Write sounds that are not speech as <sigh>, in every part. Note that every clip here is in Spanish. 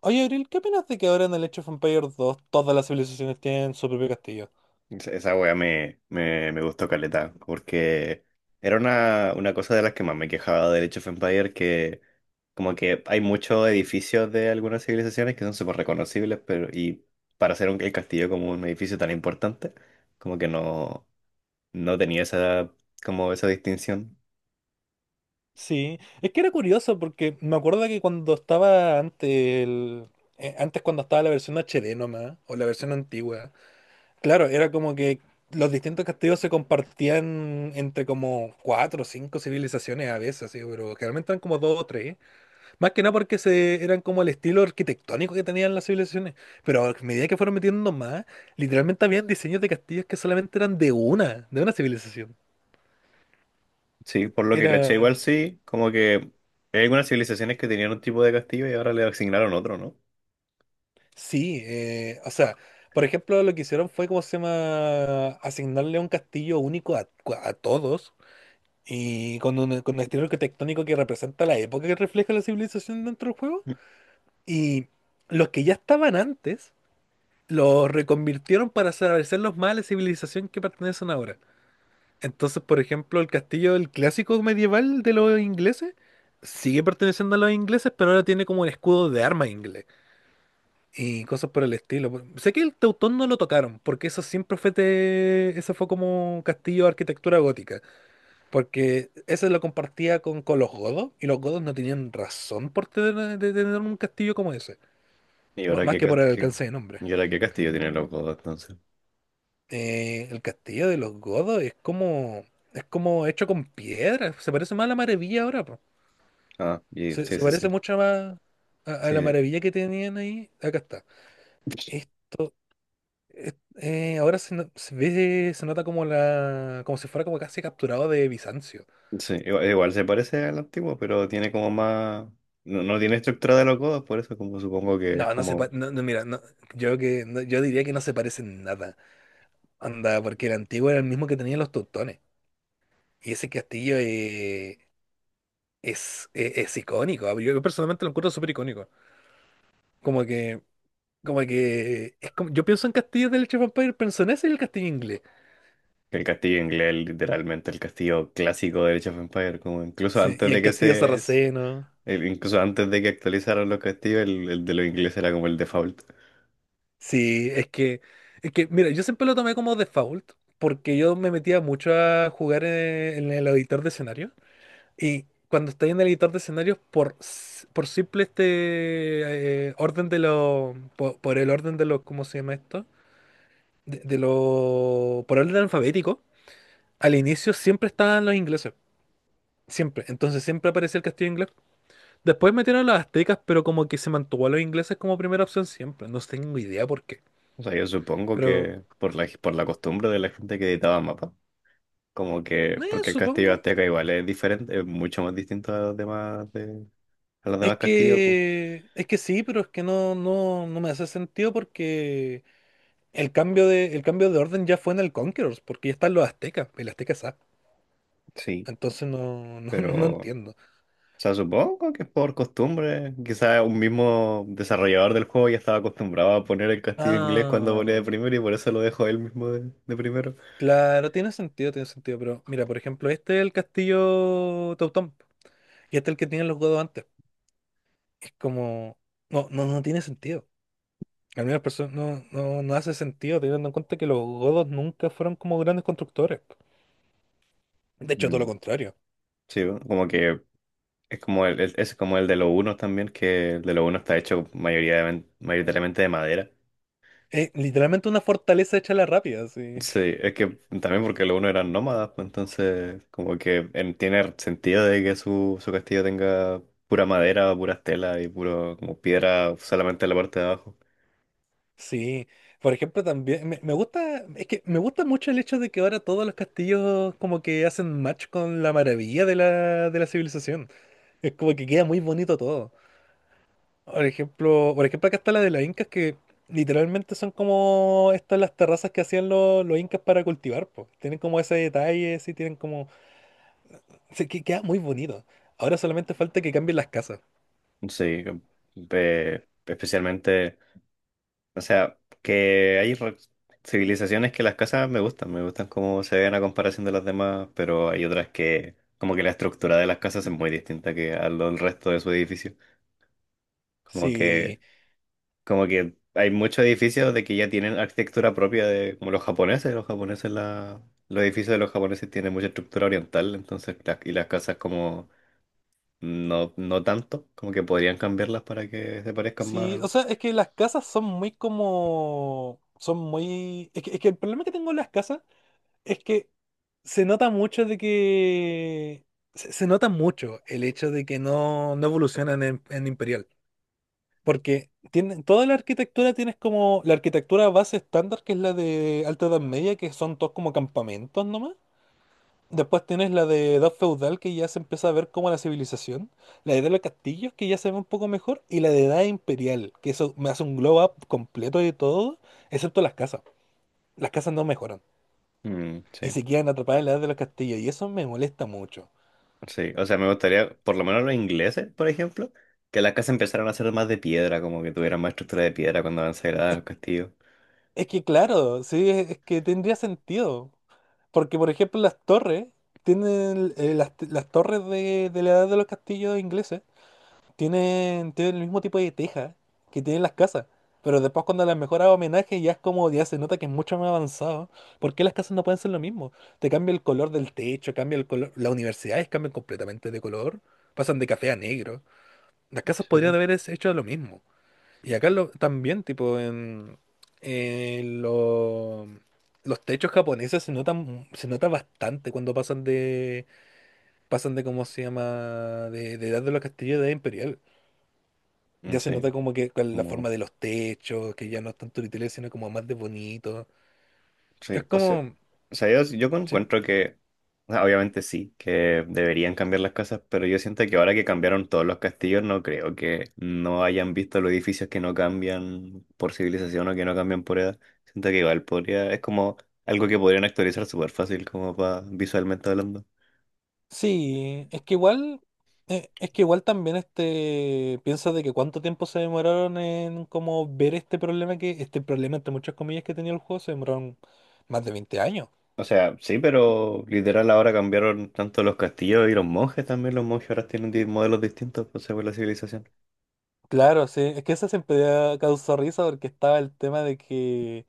Oye, Abril, ¿qué opinas de que ahora en el Age of Empires 2 todas las civilizaciones tienen su propio castillo? Esa wea me gustó caleta, porque era una cosa de las que más me quejaba del Age of Empires, que como que hay muchos edificios de algunas civilizaciones que son súper reconocibles, pero y para hacer el castillo como un edificio tan importante, como que no, no tenía esa, como esa distinción. Sí, es que era curioso porque me acuerdo que cuando estaba antes cuando estaba la versión HD nomás, o la versión antigua, claro, era como que los distintos castillos se compartían entre como cuatro o cinco civilizaciones a veces, así, pero generalmente eran como dos o tres. Más que nada porque eran como el estilo arquitectónico que tenían las civilizaciones. Pero a medida que fueron metiendo más, literalmente habían diseños de castillos que solamente eran de una civilización. Sí, por lo que caché igual Era. sí, como que hay algunas civilizaciones que tenían un tipo de castillo y ahora le asignaron otro, ¿no? Sí, o sea, por ejemplo, lo que hicieron fue, ¿cómo se llama? Asignarle un castillo único a todos y con un estilo arquitectónico que representa la época que refleja la civilización dentro del juego. Y los que ya estaban antes, los reconvirtieron para hacerlos más a la civilización que pertenecen ahora. Entonces, por ejemplo, el castillo, el clásico medieval de los ingleses, sigue perteneciendo a los ingleses, pero ahora tiene como un escudo de arma inglés y cosas por el estilo. Sé que el Teutón no lo tocaron, porque eso siempre fue eso fue como castillo de arquitectura gótica, porque ese lo compartía con los godos y los godos no tenían razón de tener un castillo como ese, ¿Y m- ahora más que por el qué... alcance de nombre. y ahora qué castillo tienen los godos entonces? El castillo de los godos es como hecho con piedra, se parece más a la maravilla ahora. Ah, y... Se, sí, se sí, sí. parece mucho más a la Sí, maravilla que tenían ahí. Acá está. Esto, es- ahora se, no- se ve, se nota como como si fuera como casi capturado de Bizancio. sí. Igual, igual se parece al antiguo, pero tiene como más. No, no tiene estructura de los godos, por eso como supongo que es No, no se pa- como no, no, mira, no, yo diría que no se parece en nada. Anda, porque el antiguo era el mismo que tenían los teutones. Y ese castillo es icónico. Yo personalmente lo encuentro súper icónico. Como que, como que yo pienso en castillos del Age of Empires, pienso en ese y el castillo inglés. que el castillo inglés, literalmente el castillo clásico de Age of Empires, como incluso Sí, antes y el de que castillo se. sarraceno. El incluso antes de que actualizaran los castillos, el de los ingleses era como el default. Sí, es que, mira, yo siempre lo tomé como default, porque yo me metía mucho a jugar en el editor de escenarios, y cuando estoy en el editor de escenarios, por simple orden de los, po- por, el orden de los, ¿cómo se llama esto? Por orden alfabético, al inicio siempre estaban los ingleses, siempre, entonces siempre aparecía el castillo inglés. Después metieron a los aztecas, pero como que se mantuvo a los ingleses como primera opción siempre, no tengo idea por qué, O sea, yo supongo pero, que por por la costumbre de la gente que editaba mapas, como que, porque el castillo supongo. azteca igual es diferente, es mucho más distinto a los demás, de... a los Es demás castillos, pues. que, es que sí, pero es que no, no, no me hace sentido porque el cambio de orden ya fue en el Conquerors, porque ya están los aztecas, el azteca es A. Sí. Entonces no, no, <laughs> Pero, no o entiendo. sea, supongo que es por costumbre. Quizás un mismo desarrollador del juego ya estaba acostumbrado a poner el castillo inglés cuando ponía Ah, de primero y por eso lo dejó él mismo de primero. claro, tiene sentido, pero mira, por ejemplo, este es el castillo Teutón y este es el que tienen los godos antes. Es como, no, no, no tiene sentido. Al menos no, no, no hace sentido teniendo en cuenta que los godos nunca fueron como grandes constructores. De hecho, todo lo No. contrario. Sí, ¿no? Como que es como es como el de los unos también, que el de los unos está hecho mayoría de... mayoritariamente de madera. Literalmente una fortaleza hecha a la rápida, sí. Sí, es que también porque los unos eran nómadas, pues entonces como que en... tiene sentido de que su castillo tenga pura madera, pura tela y puro como piedra solamente en la parte de abajo. Sí. Por ejemplo, también me gusta, es que me gusta mucho el hecho de que ahora todos los castillos como que hacen match con la maravilla de la civilización. Es como que queda muy bonito todo. Por ejemplo, acá está la de las incas que literalmente son como estas las terrazas que hacían los incas para cultivar, pues. Tienen como ese detalle, sí, Se que queda muy bonito. Ahora solamente falta que cambien las casas. Sí, especialmente, o sea, que hay re- civilizaciones que las casas me gustan cómo se ven a comparación de las demás, pero hay otras que, como que la estructura de las casas es muy distinta que al del resto de su edificio. Como Sí. que, como que hay muchos edificios de que ya tienen arquitectura propia de, como los japoneses, la, los edificios de los japoneses tienen mucha estructura oriental, entonces, las... y las casas como... No, no tanto, como que podrían cambiarlas para que se parezcan Sí, más. o sea, es que las casas son muy. Es que el problema que tengo en las casas es que se nota mucho de que. Se nota mucho el hecho de que no evolucionan en Imperial. Porque toda la arquitectura la arquitectura base estándar, que es la de Alta Edad Media, que son todos como campamentos nomás. Después tienes la de Edad Feudal, que ya se empieza a ver como la civilización. La de edad de los Castillos, que ya se ve un poco mejor. Y la de Edad Imperial, que eso me hace un glow up completo de todo, excepto las casas. Las casas no mejoran. Mm, Y sí, se quedan atrapadas en la Edad de los Castillos. Y eso me molesta mucho. sí. O sea, me gustaría, por lo menos los ingleses, por ejemplo, que las casas empezaran a ser más de piedra, como que tuvieran más estructura de piedra cuando avanzara Es, al castillo. es que, claro, sí, es que tendría sentido. Porque, por ejemplo, las torres, tienen las torres de la Edad de los Castillos ingleses. Tienen el mismo tipo de teja que tienen las casas. Pero después cuando las mejoras homenaje ya es como, ya se nota que es mucho más avanzado. ¿Por qué las casas no pueden ser lo mismo? Te cambia el color del techo, cambia el color. Las universidades cambian completamente de color. Pasan de café a negro. Las casas Sí, podrían po. haber hecho lo mismo. Y acá también, tipo, en lo- los techos japoneses se nota bastante cuando pasan de, ¿cómo se llama? De edad de los castillos de edad imperial. Mm, Ya se sí, nota como que con la como, forma de los techos, que ya no es tanto literal, sino como más de bonito. Es sí, como, o sea, yo sí. encuentro que, o sea, obviamente sí, que deberían cambiar las casas, pero yo siento que ahora que cambiaron todos los castillos, no creo que no hayan visto los edificios que no cambian por civilización o que no cambian por edad. Siento que igual podría, es como algo que podrían actualizar súper fácil, como para visualmente hablando. Sí, es que igual también este piensa de que cuánto tiempo se demoraron en como ver este problema entre muchas comillas que tenía el juego, se demoraron más de 20 años. O sea, sí, pero literal ahora cambiaron tanto los castillos y los monjes también. Los monjes ahora tienen di- modelos distintos pues, según la civilización. Claro, sí, es que eso siempre causó risa porque estaba el tema de que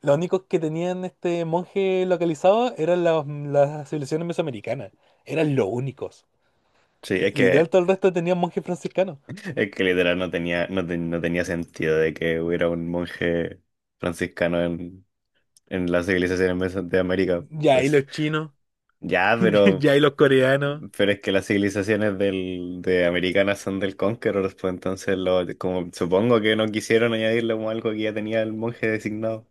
los únicos que tenían este monje localizado eran las civilizaciones mesoamericanas, eran los únicos. Sí, Li- Literal, todo el resto tenían monjes franciscanos. es que literal no tenía, no, te- no tenía sentido de que hubiera un monje franciscano en las civilizaciones meso- de América. Ya, y Pues los chinos, ya, <laughs> ya, y los coreanos. pero es que las civilizaciones de americanas son del Conqueror, pues entonces lo, como, supongo que no quisieron añadirle como algo que ya tenía el monje designado.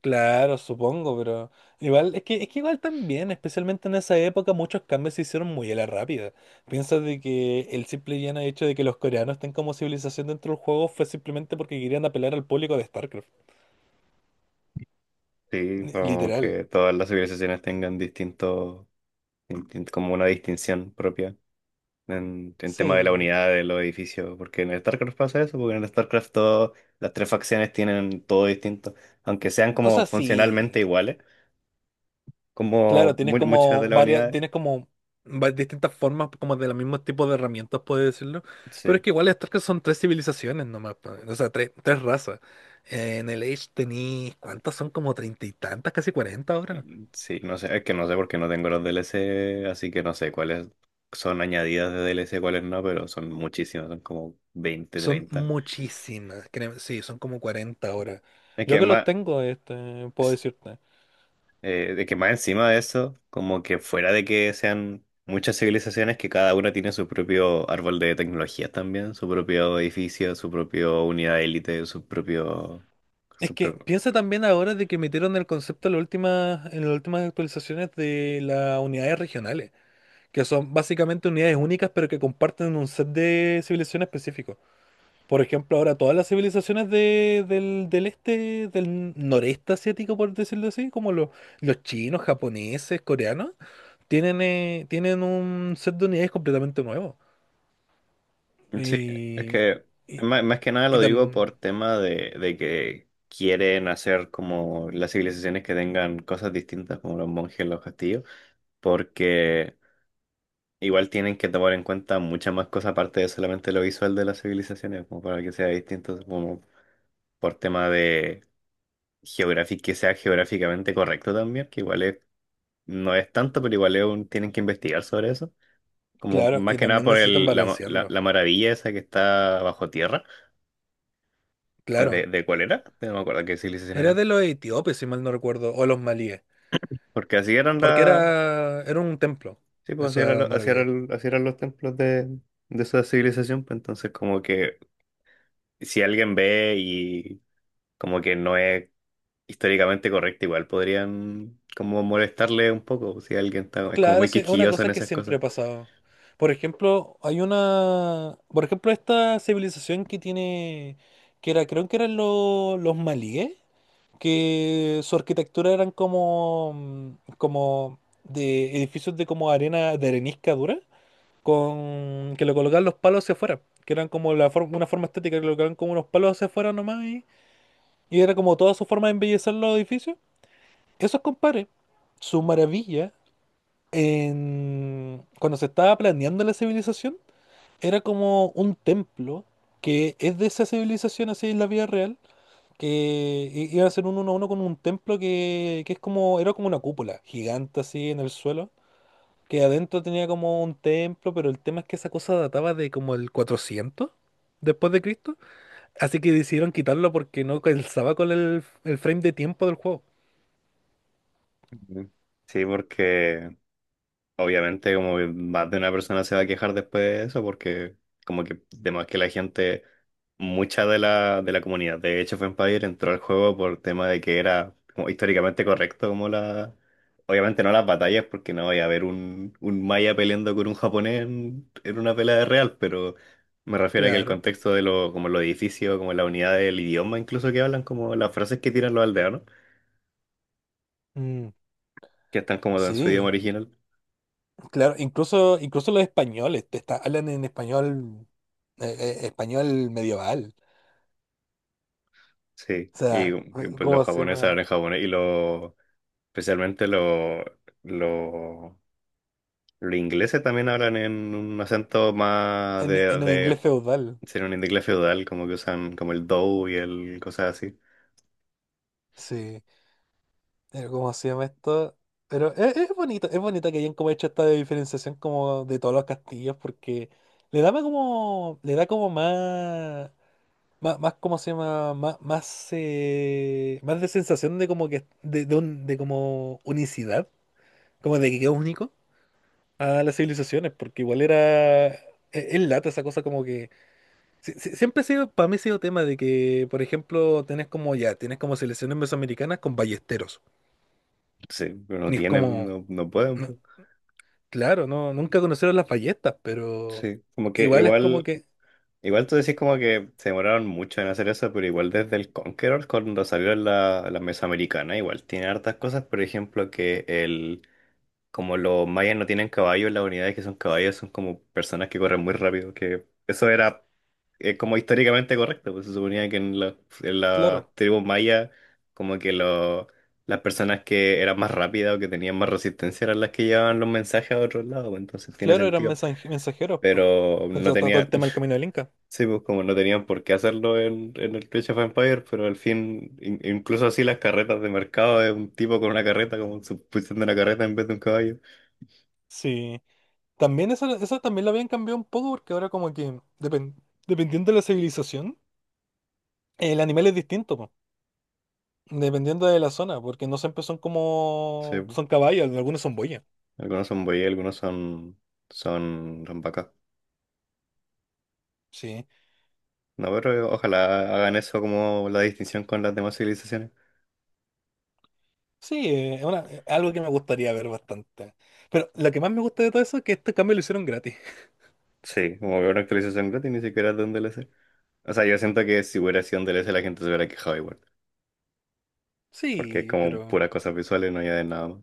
Claro, supongo, pero igual, es que igual también, especialmente en esa época, muchos cambios se hicieron muy a la rápida. Piensa de que el simple y llano hecho de que los coreanos estén como civilización dentro del juego fue simplemente porque querían apelar al público de StarCraft. Sí, Li- como Literal. que todas las civilizaciones tengan distinto, distin- como una distinción propia en tema de la Sí. unidad de los edificios, porque en el StarCraft pasa eso, porque en el StarCraft todas las tres facciones tienen todo distinto, aunque sean O como sea, funcionalmente sí. iguales, Claro, como tienes mu- muchas como de las varias, unidades. Distintas formas como de los mismos tipos de herramientas, puedes decirlo. Pero es Sí, que igual estas que son tres civilizaciones nomás, pa, o sea, tres, razas. En el Age tenéis, ¿cuántas son? Como 30 y tantas, casi 40 ahora. sí, no sé, es que no sé porque no tengo los DLC, así que no sé cuáles son añadidas de DLC, cuáles no, pero son muchísimas, son como veinte Son treinta muchísimas, créeme, sí, son como 40 ahora. Es Yo que que los más... tengo, este, puedo decirte. De que más encima de eso, como que fuera de que sean muchas civilizaciones que cada una tiene su propio árbol de tecnologías también, su propio edificio, su propio unidad élite, su propio... Es su que pro- piensa también ahora de que metieron el concepto en las últimas actualizaciones de las unidades regionales, que son básicamente unidades únicas, pero que comparten un set de civilizaciones específicos. Por ejemplo, ahora todas las civilizaciones del este, del noreste asiático, por decirlo así, como los chinos, japoneses, coreanos, tienen un set de unidades completamente nuevo. Sí, es Y, que y, más, más que nada y lo digo tam- por tema de que quieren hacer como las civilizaciones que tengan cosas distintas, como los monjes, los castillos, porque... Igual tienen que tomar en cuenta muchas más cosas aparte de solamente lo visual de las civilizaciones, como para que sea distinto, como por tema de geográfico, que sea geográficamente correcto también, que igual es... no es tanto, pero igual es un... tienen que investigar sobre eso. Como claro, más y que nada también por necesitan el, la- balancearlo. la maravilla esa que está bajo tierra. ¿Cu- Claro. de cuál era? No me acuerdo qué civilización Era era. de los etíopes, si mal no recuerdo, o los malíes, Porque así eran porque la, era un templo, sí, pues así era esa lo- así era maravilla. el- así eran los templos de esa civilización. Pues entonces como que si alguien ve y como que no es históricamente correcta, igual podrían como molestarle un poco si alguien está, es como Claro, muy sí, es una quisquilloso en cosa que esas siempre cosas. ha pasado. Por ejemplo, hay una, por ejemplo, esta civilización que era, creo que eran los malíes, que su arquitectura eran como de edificios de como arena, de arenisca dura, con que le colocaban los palos hacia afuera, que eran como una forma estética, que le colocaban como unos palos hacia afuera nomás y era como toda su forma de embellecer los edificios. Esos compadres, su maravilla cuando se estaba planeando la civilización, era como un templo que es de esa civilización así en la vida real, que iba a ser un uno a uno con un templo que era como una cúpula gigante así en el suelo, que adentro tenía como un templo, pero el tema es que esa cosa databa de como el 400 después de Cristo, así que decidieron quitarlo porque no calzaba con el frame de tiempo del juego. Ujú. Sí, porque obviamente, como que más de una persona se va a quejar después de eso, porque como que además que la gente, mucha de la comunidad de Age of Empires entró al juego por tema de que era como históricamente correcto, como la... Obviamente no las batallas, porque no voy a haber un maya peleando con un japonés en una pelea de real, pero me refiero a que el Claro. contexto de lo, como los edificios, como la unidad del idioma incluso que hablan, como las frases que tiran los aldeanos, Mm, que están como en su idioma sí. original. Claro, incluso los españoles te hablan en español, eh, español medieval. Sí, O sea, y, pues, los ¿cómo se japoneses llama? hablan japonés y los, especialmente los, los ingleses también hablan en un acento más En, en un inglés de feudal. ser un inglés feudal, como que usan como el do y el cosas así. Sí, pero ¿cómo se llama esto? Pero es bonito que hayan como hecho esta diferenciación como de todos los castillos porque le da como más, más, más ¿cómo se llama? Más, más, más de sensación de como que, de un- de como unicidad, como de que es único, a las civilizaciones, porque igual era... e- Es lata esa cosa como que. Siempre ha sido, para mí ha sido tema de que, por ejemplo, tenés como ya, tienes como selecciones mesoamericanas con ballesteros. Sí, pero no Y es tiene, como, no, no pueden. no, Po. claro, no, nunca conocieron las ballestas, pero Sí, como que igual es como igual, que, igual tú decís como que se demoraron mucho en hacer eso, pero igual desde el Conqueror, cuando salió en la, la Mesoamericana, igual tiene hartas cosas, por ejemplo, que el... Como los mayas no tienen caballos, las unidades que son caballos son como personas que corren muy rápido, que eso era como históricamente correcto, pues se suponía que en la claro, tribu maya como que lo- las personas que eran más rápidas o que tenían más resistencia eran las que llevaban los mensajes a otros lados, pues, entonces tiene claro, eran sentido, mensajeros. Po. pero O no sea, está todo tenían, el tema del <laughs> camino del Inca. sí, pues como no tenían por qué hacerlo en el Clash of Empires, pero al fin, in- incluso así las carretas de mercado de un tipo con una carreta, como sustituyendo una carreta en vez de un caballo. Sí. También eso también lo habían cambiado un poco porque ahora como que, depen- dependiendo de la civilización, el animal es distinto. Dependiendo de la zona, porque no siempre son Sí, como... pues. Son caballos, algunos son boyas. Algunos son buey, algunos son, son, son... Sí. No, pero ojalá hagan eso como la distinción con las demás civilizaciones. Sí, es una- es algo que me gustaría ver bastante. Pero lo que más me gusta de todo eso es que este cambio lo hicieron gratis. <laughs> Sí, como que una actualización gratis ni siquiera es de un DLC. O sea, yo siento que si hubiera sido un DLC la gente se hubiera quejado igual. Porque es Sí, como pero... puras cosas visuales, no añaden nada más.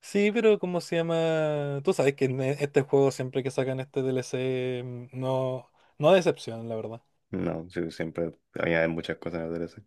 Sí, pero ¿cómo se llama? Tú sabes que en este juego siempre que sacan este DLC mm, no, no decepcionan, la verdad. No, sí, siempre añaden muchas cosas en el DLC.